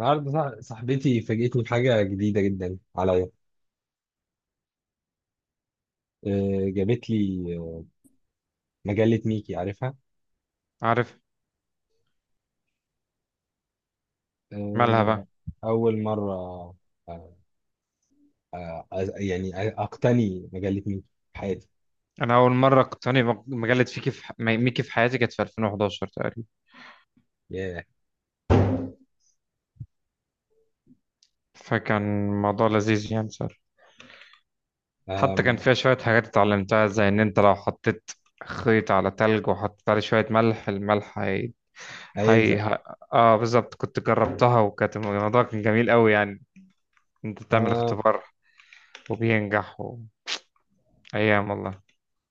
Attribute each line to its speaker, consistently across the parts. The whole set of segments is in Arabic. Speaker 1: النهارده صاحبتي فاجئتني بحاجة جديدة جدا عليا. جابت لي مجلة ميكي عارفها.
Speaker 2: عارف. مالها
Speaker 1: آه،
Speaker 2: بقى؟
Speaker 1: أول مرة. آه، يعني أقتني مجلة ميكي في حياتي.
Speaker 2: انا اول مره اقتني مجله ميكي في حياتي كانت في 2011 تقريبا،
Speaker 1: ياه.
Speaker 2: فكان الموضوع لذيذ يعني صار. حتى كان
Speaker 1: آم،
Speaker 2: فيها شويه حاجات اتعلمتها، زي ان انت لو حطيت خيط على تلج وحطيت عليه شويه ملح، الملح. هي
Speaker 1: هيلزق.
Speaker 2: ه- اه، بالظبط كنت جربتها، وكانت الموضوع كان جميل قوي يعني. انت تعمل
Speaker 1: آه،
Speaker 2: اختبار وبينجح ايام والله.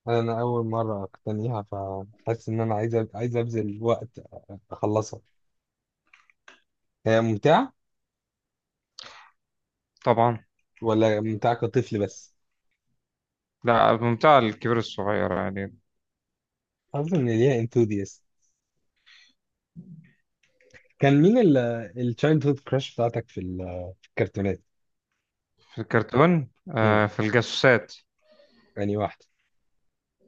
Speaker 1: أنا أول مرة أقتنيها فحاسس إن أنا عايز أبذل وقت أخلصها. هي ممتعة
Speaker 2: طبعا.
Speaker 1: ولا ممتعة كطفل بس؟
Speaker 2: لا، ممتع الكبير الصغير يعني.
Speaker 1: حاسس إن ليها انثوذيست. كان مين التشايلد هود كراش بتاعتك في الكرتونات؟
Speaker 2: في الكرتون، في الجاسوسات.
Speaker 1: يعني واحدة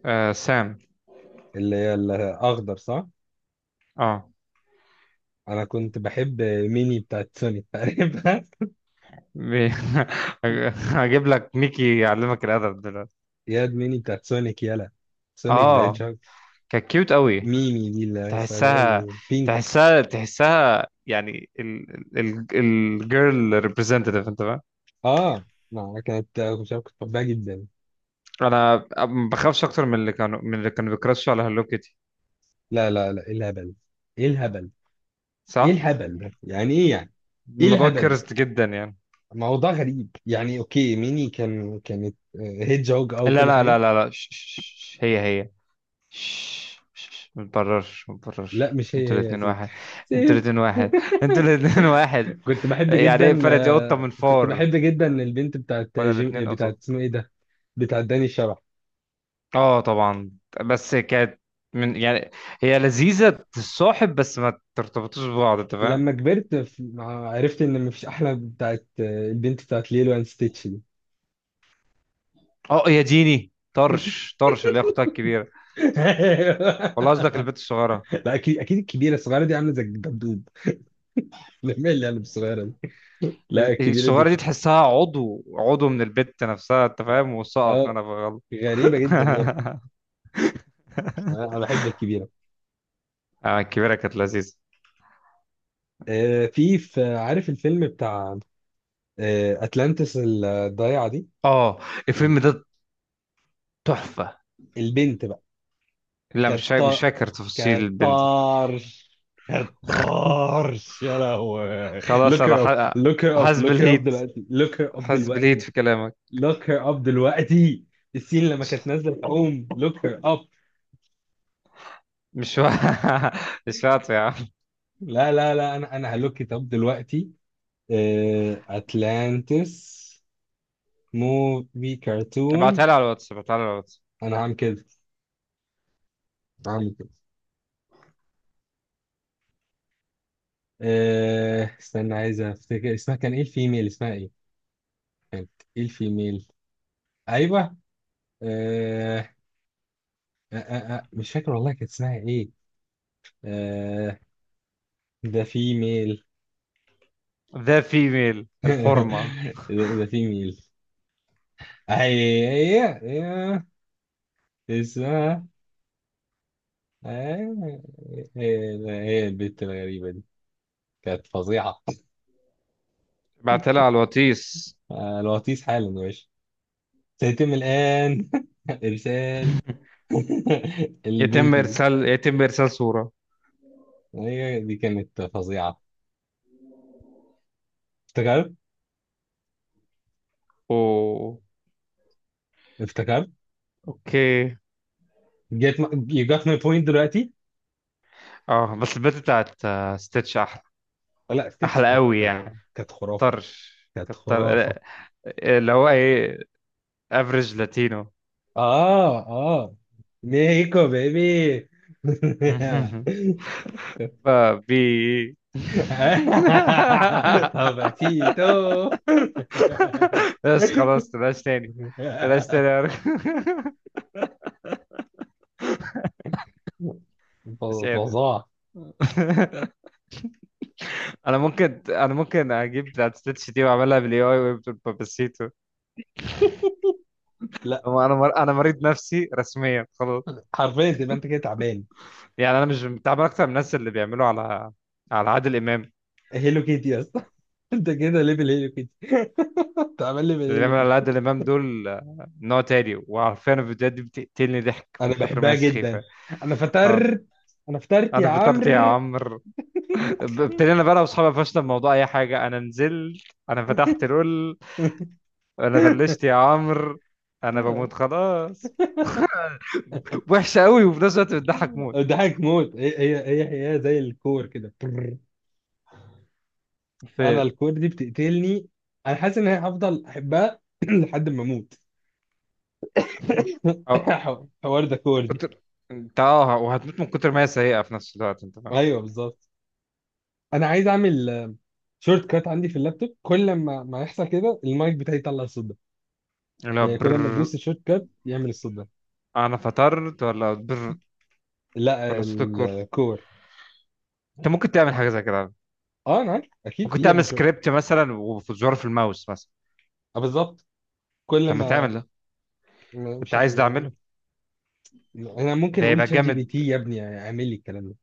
Speaker 2: آه، سام.
Speaker 1: اللي هي الأخضر صح؟
Speaker 2: اه.
Speaker 1: أنا كنت بحب ميني بتاعت سونيك عارفها؟
Speaker 2: بي- هجيب لك ميكي يعلمك الادب دلوقتي.
Speaker 1: ياد ميني بتاعت سونيك يلا. سونيك ذا
Speaker 2: اه
Speaker 1: هيدجهوج.
Speaker 2: كانت كيوت قوي.
Speaker 1: ميمي دي اللي هي اسمها اللي هي
Speaker 2: تحسها
Speaker 1: البينك.
Speaker 2: تحسها يعني، الجيرل ريبريزنتيف، انت فاهم.
Speaker 1: آه، ما كانت مش عارف، كنت بحبها جدا.
Speaker 2: انا ما بخافش اكتر من اللي كانوا بيكراشوا على هالو كيتي.
Speaker 1: لا، لا، لا، إيه الهبل؟ إيه الهبل؟ إيه
Speaker 2: صح.
Speaker 1: الهبل ده؟ يعني إيه يعني؟ إيه
Speaker 2: الموضوع
Speaker 1: الهبل ده؟
Speaker 2: كرست جدا يعني.
Speaker 1: موضوع غريب يعني. أوكي، ميني كانت هيدجهوج أو
Speaker 2: لا،
Speaker 1: كل
Speaker 2: لا، لا،
Speaker 1: حاجة.
Speaker 2: لا، لا، هي هي ما تبررش، ما
Speaker 1: لا،
Speaker 2: تبررش.
Speaker 1: مش هي
Speaker 2: انتوا
Speaker 1: هي يا
Speaker 2: الاتنين
Speaker 1: زيد.
Speaker 2: واحد. انتوا الاتنين واحد. انتوا الاتنين واحد. يعني ايه؟ فرقت ايه قطة من
Speaker 1: كنت
Speaker 2: فار
Speaker 1: بحب جدا البنت
Speaker 2: ولا الاتنين
Speaker 1: بتاعت
Speaker 2: قطط؟
Speaker 1: اسمه ايه ده. بتاعت داني الشبح.
Speaker 2: اه، طبعا، بس كانت من يعني، هي لذيذة الصاحب بس ما ترتبطوش ببعض، انت فاهم.
Speaker 1: لما كبرت عرفت ان مفيش احلى بتاعت آه، البنت بتاعت ليلو اند ستيتش دي.
Speaker 2: اه يا ديني، طرش، طرش اللي هي اختها الكبيرة.
Speaker 1: أيوه.
Speaker 2: والله قصدك البت الصغيرة.
Speaker 1: لا، اكيد اكيد، الكبيره، الصغيره دي عامله زي الجدود. مين اللي عامله الصغيره دي؟ لا الكبيره دي
Speaker 2: الصغيرة دي
Speaker 1: كانت-
Speaker 2: تحسها عضو، عضو من البت نفسها انت فاهم، وسقط
Speaker 1: اه
Speaker 2: منها في غلط.
Speaker 1: غريبه جدا يا ابني. أنا بحب الكبيره.
Speaker 2: اه، الكبيرة كانت لذيذة.
Speaker 1: في عارف الفيلم بتاع اتلانتس الضايعه دي؟
Speaker 2: اه،
Speaker 1: ال-
Speaker 2: الفيلم ده تحفة.
Speaker 1: البنت بقى
Speaker 2: لا، مش
Speaker 1: كالط،
Speaker 2: فاكر تفاصيل البنت دي.
Speaker 1: كالطرش، كالطرش يا لهوي.
Speaker 2: خلاص.
Speaker 1: Look her up, look her up,
Speaker 2: حاسس
Speaker 1: look her up
Speaker 2: بالهيت،
Speaker 1: دلوقتي. Look her up
Speaker 2: حاسس بالهيت
Speaker 1: دلوقتي.
Speaker 2: في كلامك.
Speaker 1: Look her up دلوقتي. السين لما كانت نازله الحوم، look her up.
Speaker 2: مش و... مش واطي يا عم.
Speaker 1: لا، لا، لا، انا هلوك ات اب دلوقتي. اتلانتس، موفي
Speaker 2: ابعتها
Speaker 1: كرتون.
Speaker 2: لي على الواتس، ابعتها لي على الواتس.
Speaker 1: انا هعمل كده، هعمل كده. استنى عايز افتكر اسمها كان ايه؟ الفيميل اسمها ايه؟ كانت، ايه الفيميل؟ ايوه. آه، مش فاكر والله كانت اسمها ايه. آه ده في ميل.
Speaker 2: ذا فيميل الحرمة.
Speaker 1: ده في ميل. هي هي هي اسمها آه، هي هي البت الغريبة دي، كانت فظيعة.
Speaker 2: ابعتها لي على الواتس.
Speaker 1: الوطيس حالا يا باشا. سيتم الآن إرسال. البنت
Speaker 2: يتم
Speaker 1: دي،
Speaker 2: ارسال يتم ارسال صورة.
Speaker 1: هي دي كانت فظيعة. افتكرت،
Speaker 2: اوه.
Speaker 1: افتكرت،
Speaker 2: اوكي.
Speaker 1: جت. You got my point دلوقتي.
Speaker 2: اه، بس البت بتاعت ستيتش احلى.
Speaker 1: لا، ستيتش
Speaker 2: احلى قوي
Speaker 1: كانت،
Speaker 2: يعني.
Speaker 1: كانت خرافة،
Speaker 2: طرش.
Speaker 1: كانت
Speaker 2: كتر.
Speaker 1: خرافة.
Speaker 2: اللي هو ايه؟ افريج لاتينو.
Speaker 1: اه، اه، ميكو بيبي.
Speaker 2: بابي.
Speaker 1: Papacito.
Speaker 2: بس خلاص، تلاش تاني. تلاش تاني يا راجل. مش
Speaker 1: ف-
Speaker 2: قادر.
Speaker 1: فظاع.
Speaker 2: انا ممكن اجيب بتاعت ستيتش دي واعملها بالاي اي ويبقى باباسيتو.
Speaker 1: لا،
Speaker 2: أنا مريض نفسي رسميا خلاص.
Speaker 1: حرفيا تبقى انت كده تعبان.
Speaker 2: يعني انا مش متعامل اكتر من الناس اللي بيعملوا على عادل امام.
Speaker 1: هيلو كيتي يا اسطى. انت كده ليفل هيلو كيتي. انت عامل ليفل
Speaker 2: اللي
Speaker 1: هيلو
Speaker 2: بيعملوا على
Speaker 1: كيتي.
Speaker 2: عادل امام دول نوع تاني، وعارفين الفيديوهات دي بتقتلني ضحك من
Speaker 1: انا
Speaker 2: كتر ما
Speaker 1: بحبها
Speaker 2: هي
Speaker 1: جدا.
Speaker 2: سخيفه.
Speaker 1: انا
Speaker 2: اه.
Speaker 1: فطرت. انا فطرت يا
Speaker 2: انا فطرت يا
Speaker 1: عمرو.
Speaker 2: عمرو. ابتدينا بقى انا واصحابي، فشنا بموضوع اي حاجه. انا نزلت. انا فتحت لول. انا بلشت يا عمرو. انا بموت خلاص. وحشه قوي، وفي نفس الوقت بتضحك موت.
Speaker 1: ضحك موت. هي هي هي هي زي الكور كده. انا
Speaker 2: في.
Speaker 1: الكور دي بتقتلني. انا حاسس ان انا هفضل احبها لحد ما اموت.
Speaker 2: اه.
Speaker 1: حوار ده، كور دي.
Speaker 2: كتر. انت، اه، وهتموت من كتر ما هي سيئة في نفس الوقت انت فاهم.
Speaker 1: ايوه بالظبط. انا عايز اعمل شورت كات عندي في اللابتوب، كل ما يحصل كده المايك بتاعي يطلع الصوت ده.
Speaker 2: اللي هو
Speaker 1: يعني
Speaker 2: بر.
Speaker 1: كل ما تدوس الشورت كات يعمل الصوت ده.
Speaker 2: انا فطرت ولا بر
Speaker 1: لا،
Speaker 2: ولا صوت الكور.
Speaker 1: الكور.
Speaker 2: انت ممكن تعمل حاجة زي كده.
Speaker 1: اه انا عارف اكيد في
Speaker 2: ممكن
Speaker 1: يا ابني
Speaker 2: تعمل
Speaker 1: شورت.
Speaker 2: سكريبت مثلا، وفي زرار في الماوس مثلا.
Speaker 1: بالظبط.
Speaker 2: طب
Speaker 1: كل
Speaker 2: ما
Speaker 1: ما
Speaker 2: تعمل ده.
Speaker 1: مش
Speaker 2: انت عايز ده
Speaker 1: عارف.
Speaker 2: اعمله؟
Speaker 1: انا ممكن
Speaker 2: ده
Speaker 1: اقول
Speaker 2: يبقى
Speaker 1: شات جي بي
Speaker 2: جامد.
Speaker 1: تي يا ابني اعمل لي الكلام ده.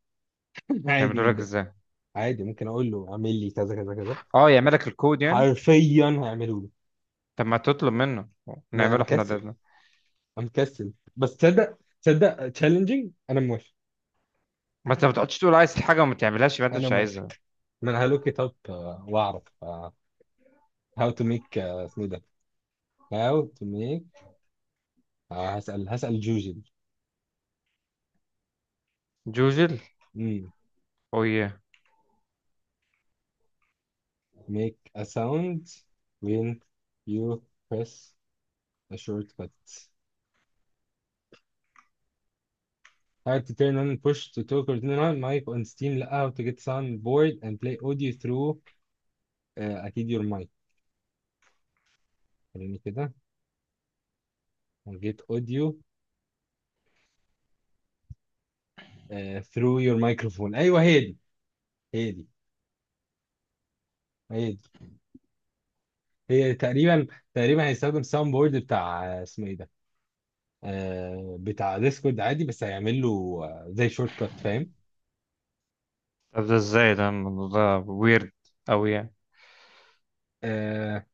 Speaker 1: عادي
Speaker 2: يعمله لك
Speaker 1: جدا.
Speaker 2: ازاي؟
Speaker 1: عادي، ممكن اقول له اعمل لي كذا كذا كذا.
Speaker 2: اه، يعمل لك الكود يعني.
Speaker 1: حرفيا هيعملوا لي.
Speaker 2: طب ما تطلب منه
Speaker 1: انا
Speaker 2: نعمله احنا
Speaker 1: كسل.
Speaker 2: ده.
Speaker 1: انا كسل بس، تصدق تصدق تشالنجينج، انا موافق.
Speaker 2: ما انت ما تقعدش تقول عايز الحاجة وما تعملهاش يبقى انت
Speaker 1: انا
Speaker 2: مش
Speaker 1: موافق.
Speaker 2: عايزها.
Speaker 1: من هالو كتاب واعرف هاو تو ميك اسمه ده. هاو تو ميك. هسأل جوجل.
Speaker 2: جوجل.
Speaker 1: امم.
Speaker 2: اوه ياه.
Speaker 1: ميك ا ساوند. وين يو بريس ا شورت كات. How to turn on push to talk or turn on mic on Steam. لا، how to get soundboard and play audio through اكيد your mic. خليني كده. Get audio through your microphone. ايوه هي دي، هي دي، هي دي. هي تقريبا، تقريبا هيستخدم ساوند بورد بتاع اسمه ايه ده. بتاع ديسكورد عادي، بس هيعمل له زي شورت كات، فاهم؟
Speaker 2: طب ده ازاي؟ ده الموضوع ده ويرد اوي يعني.
Speaker 1: آه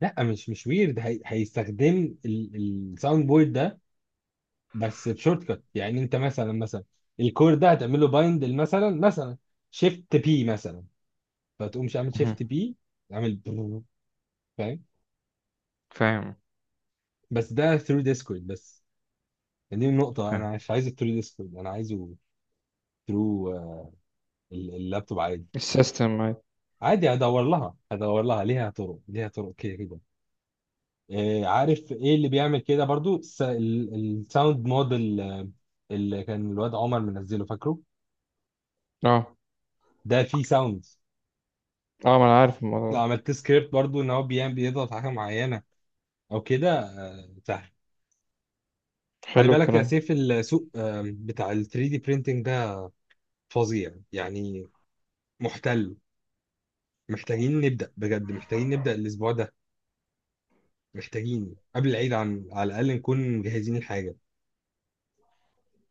Speaker 1: لا، مش ويرد، هي هيستخدم الساوند بورد ده بس بشورت كات. يعني انت مثلا، مثلا الكور ده هتعمل له بايند، مثلا مثلا شيفت بي، مثلا فتقوم عامل
Speaker 2: مهم.
Speaker 1: شيفت بي، عامل برو، فاهم؟
Speaker 2: فاهم.
Speaker 1: بس ده ثرو ديسكورد بس. دي النقطة، أنا مش عايزه ثرو ديسكورد، أنا عايزه ثرو اللابتوب عادي.
Speaker 2: السيستم، أيوة.
Speaker 1: عادي هدور لها، هدور لها، ليها طرق، ليها طرق، كده كده. عارف ايه اللي بيعمل كده برضو؟ الساوند موديل اللي كان الواد عمر منزله، فاكره؟
Speaker 2: اه،
Speaker 1: ده فيه ساوند.
Speaker 2: اه، ما انا عارف الموضوع
Speaker 1: لو
Speaker 2: ده.
Speaker 1: عملت سكريبت برضو، ان هو بيضغط على حاجه معينه او كده، سهل. خلي
Speaker 2: حلو
Speaker 1: بالك يا
Speaker 2: الكلام.
Speaker 1: سيف، السوق بتاع ال 3 دي printing ده فظيع يعني. محتل. محتاجين نبدأ بجد، محتاجين نبدأ الاسبوع ده. محتاجين قبل العيد، عن على الاقل نكون مجهزين الحاجه،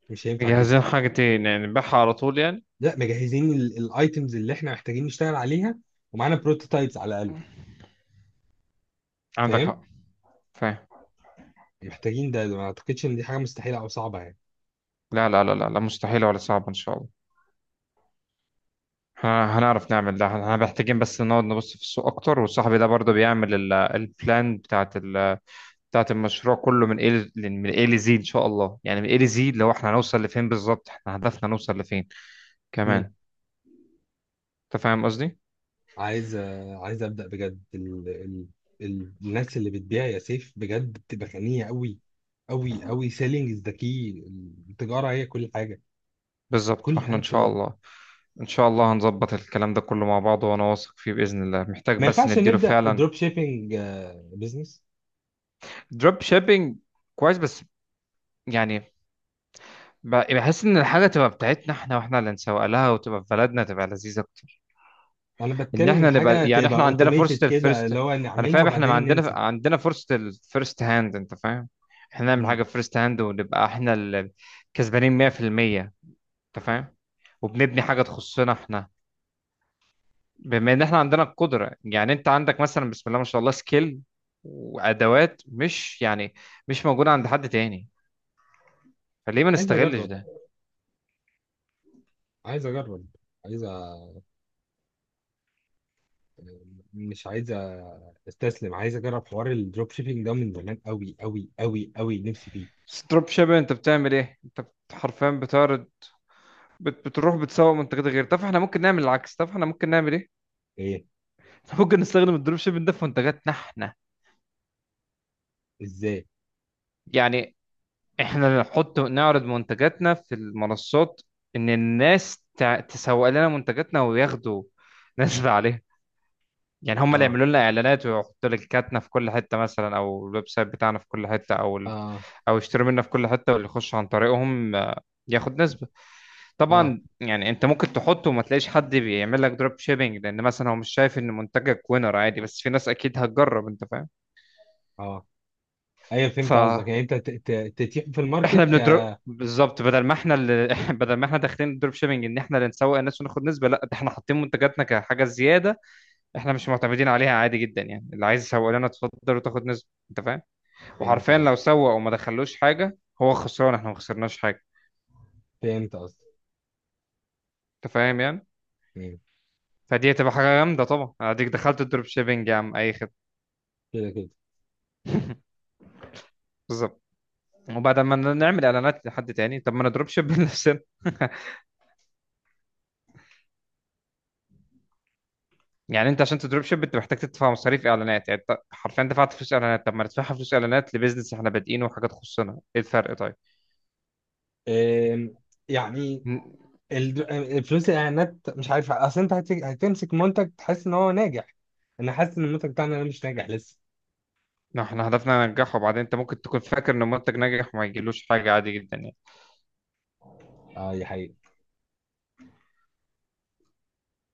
Speaker 1: مش هينفع كده.
Speaker 2: جاهزين حاجتين يعني نبيعها على طول يعني؟
Speaker 1: لا، مجهزين الايتمز اللي احنا محتاجين نشتغل عليها، ومعانا بروتوتايبس على الاقل،
Speaker 2: عندك حق.
Speaker 1: فاهم؟
Speaker 2: فاهم.
Speaker 1: محتاجين ده، ما اعتقدش ان دي حاجه مستحيله او صعبه يعني.
Speaker 2: لا، لا، لا، لا، لا، مستحيلة ولا صعبة إن شاء الله. احنا هنعرف نعمل ده، احنا محتاجين بس نقعد نبص في السوق أكتر، وصاحبي ده برضه بيعمل البلان بتاعت المشروع كله، من ايه لزي ان شاء الله، يعني من ايه لزي اللي هو احنا هنوصل لفين بالظبط، احنا هدفنا نوصل لفين
Speaker 1: مم.
Speaker 2: كمان. انت فاهم قصدي.
Speaker 1: عايز عايز ابدا بجد. الناس اللي بتبيع يا سيف بجد بتبقى غنيه قوي، قوي قوي. سيلينج از ذا كي. التجاره هي كل حاجه.
Speaker 2: بالظبط،
Speaker 1: كل
Speaker 2: واحنا
Speaker 1: حاجه
Speaker 2: ان شاء
Speaker 1: التجاره.
Speaker 2: الله. ان شاء الله هنظبط الكلام ده كله مع بعض، وانا واثق فيه باذن الله، محتاج
Speaker 1: ما
Speaker 2: بس
Speaker 1: ينفعش
Speaker 2: نديله
Speaker 1: نبدا
Speaker 2: فعلا.
Speaker 1: دروب شيبينج بزنس؟
Speaker 2: دروب شيبينج، كويس، بس يعني بحس ان الحاجه تبقى بتاعتنا احنا، واحنا اللي نسوق لها، وتبقى في بلدنا تبقى لذيذه اكتر.
Speaker 1: انا
Speaker 2: ان
Speaker 1: بتكلم
Speaker 2: احنا نبقى
Speaker 1: حاجه
Speaker 2: يعني
Speaker 1: تبقى
Speaker 2: احنا عندنا
Speaker 1: اوتوميتد
Speaker 2: فرصه
Speaker 1: كده، اللي
Speaker 2: الفيرست.
Speaker 1: هو
Speaker 2: انا
Speaker 1: نعملها
Speaker 2: فاهم، احنا ما
Speaker 1: وبعدين
Speaker 2: عندنا
Speaker 1: ننسى.
Speaker 2: عندنا فرصه الفيرست هاند، انت فاهم. احنا نعمل
Speaker 1: مم.
Speaker 2: حاجه فيرست هاند ونبقى احنا اللي كسبانين 100%، انت فاهم. وبنبني حاجه تخصنا احنا، بما ان احنا عندنا القدره، يعني انت عندك مثلا بسم الله ما شاء الله سكيل وادوات مش يعني مش موجوده عند حد تاني. فليه ما
Speaker 1: عايز
Speaker 2: نستغلش
Speaker 1: اجرب،
Speaker 2: ده؟
Speaker 1: عايز اجرب، عايز، مش عايز استسلم. عايز اجرب حوار الدروب شيبينج ده من زمان قوي قوي قوي قوي، نفسي فيه.
Speaker 2: ستروب شيبر، انت بتعمل ايه؟ انت حرفيا بتعرض. بتروح بتسوق منتجات غير. طب احنا ممكن نعمل العكس. طب احنا ممكن نعمل ايه؟
Speaker 1: ايه؟
Speaker 2: إحنا ممكن نستخدم الدروب شيبنج ده في منتجاتنا احنا.
Speaker 1: ازاي؟
Speaker 2: يعني احنا نحط، نعرض منتجاتنا في المنصات، ان الناس تسوق لنا منتجاتنا وياخدوا نسبة عليها. يعني هم اللي
Speaker 1: اه،
Speaker 2: يعملوا لنا اعلانات، ويحطوا لينكاتنا في كل حته مثلا، او الويب سايت بتاعنا في كل حته،
Speaker 1: اه،
Speaker 2: او يشتروا منا في كل حته، واللي يخش عن طريقهم ياخد نسبه.
Speaker 1: اه،
Speaker 2: طبعا يعني انت ممكن تحطه وما تلاقيش حد بيعمل لك دروب شيبنج، لان مثلا هو مش شايف ان منتجك وينر، عادي، بس في ناس اكيد هتجرب انت فاهم.
Speaker 1: اه، ايوه فهمت قصدك.
Speaker 2: فاحنا
Speaker 1: يعني انت تتيح في الماركت ك...
Speaker 2: بندروب بالظبط، بدل ما احنا اللي بدل ما احنا داخلين الدروب شيبنج ان احنا اللي نسوق الناس وناخد نسبه، لا ده احنا حاطين منتجاتنا كحاجه زياده، احنا مش معتمدين عليها، عادي جدا، يعني اللي عايز يسوق لنا اتفضل وتاخد نسبه انت فاهم.
Speaker 1: فهمت
Speaker 2: وحرفيا لو
Speaker 1: قصدك.
Speaker 2: سوق وما دخلوش حاجه هو خسران احنا ما خسرناش حاجه،
Speaker 1: فهمت قصدك.
Speaker 2: انت فاهم يعني.
Speaker 1: مم.
Speaker 2: فدي هتبقى حاجه جامده طبعا. اديك دخلت الدروب شيبنج يا عم، اي خدمه.
Speaker 1: كده كده.
Speaker 2: بالظبط. وبعد ما نعمل اعلانات لحد تاني، طب ما انا دروب شيب لنفسنا. يعني انت عشان تدروب شيب انت محتاج تدفع مصاريف اعلانات، يعني انت حرفيا دفعت فلوس اعلانات، طب ما ندفعها فلوس اعلانات لبيزنس احنا بادئينه وحاجه تخصنا، ايه الفرق؟ طيب.
Speaker 1: آم، يعني
Speaker 2: م-
Speaker 1: الفلوس الاعلانات، مش عارف اصل، انت هتمسك منتج تحس ان هو ناجح. انا حاسس ان المنتج بتاعنا ده مش ناجح لسه.
Speaker 2: ما احنا هدفنا ننجحه، وبعدين انت ممكن تكون فاكر ان المنتج ناجح وما يجيلوش حاجه عادي جدا يعني
Speaker 1: اه، دي حقيقة.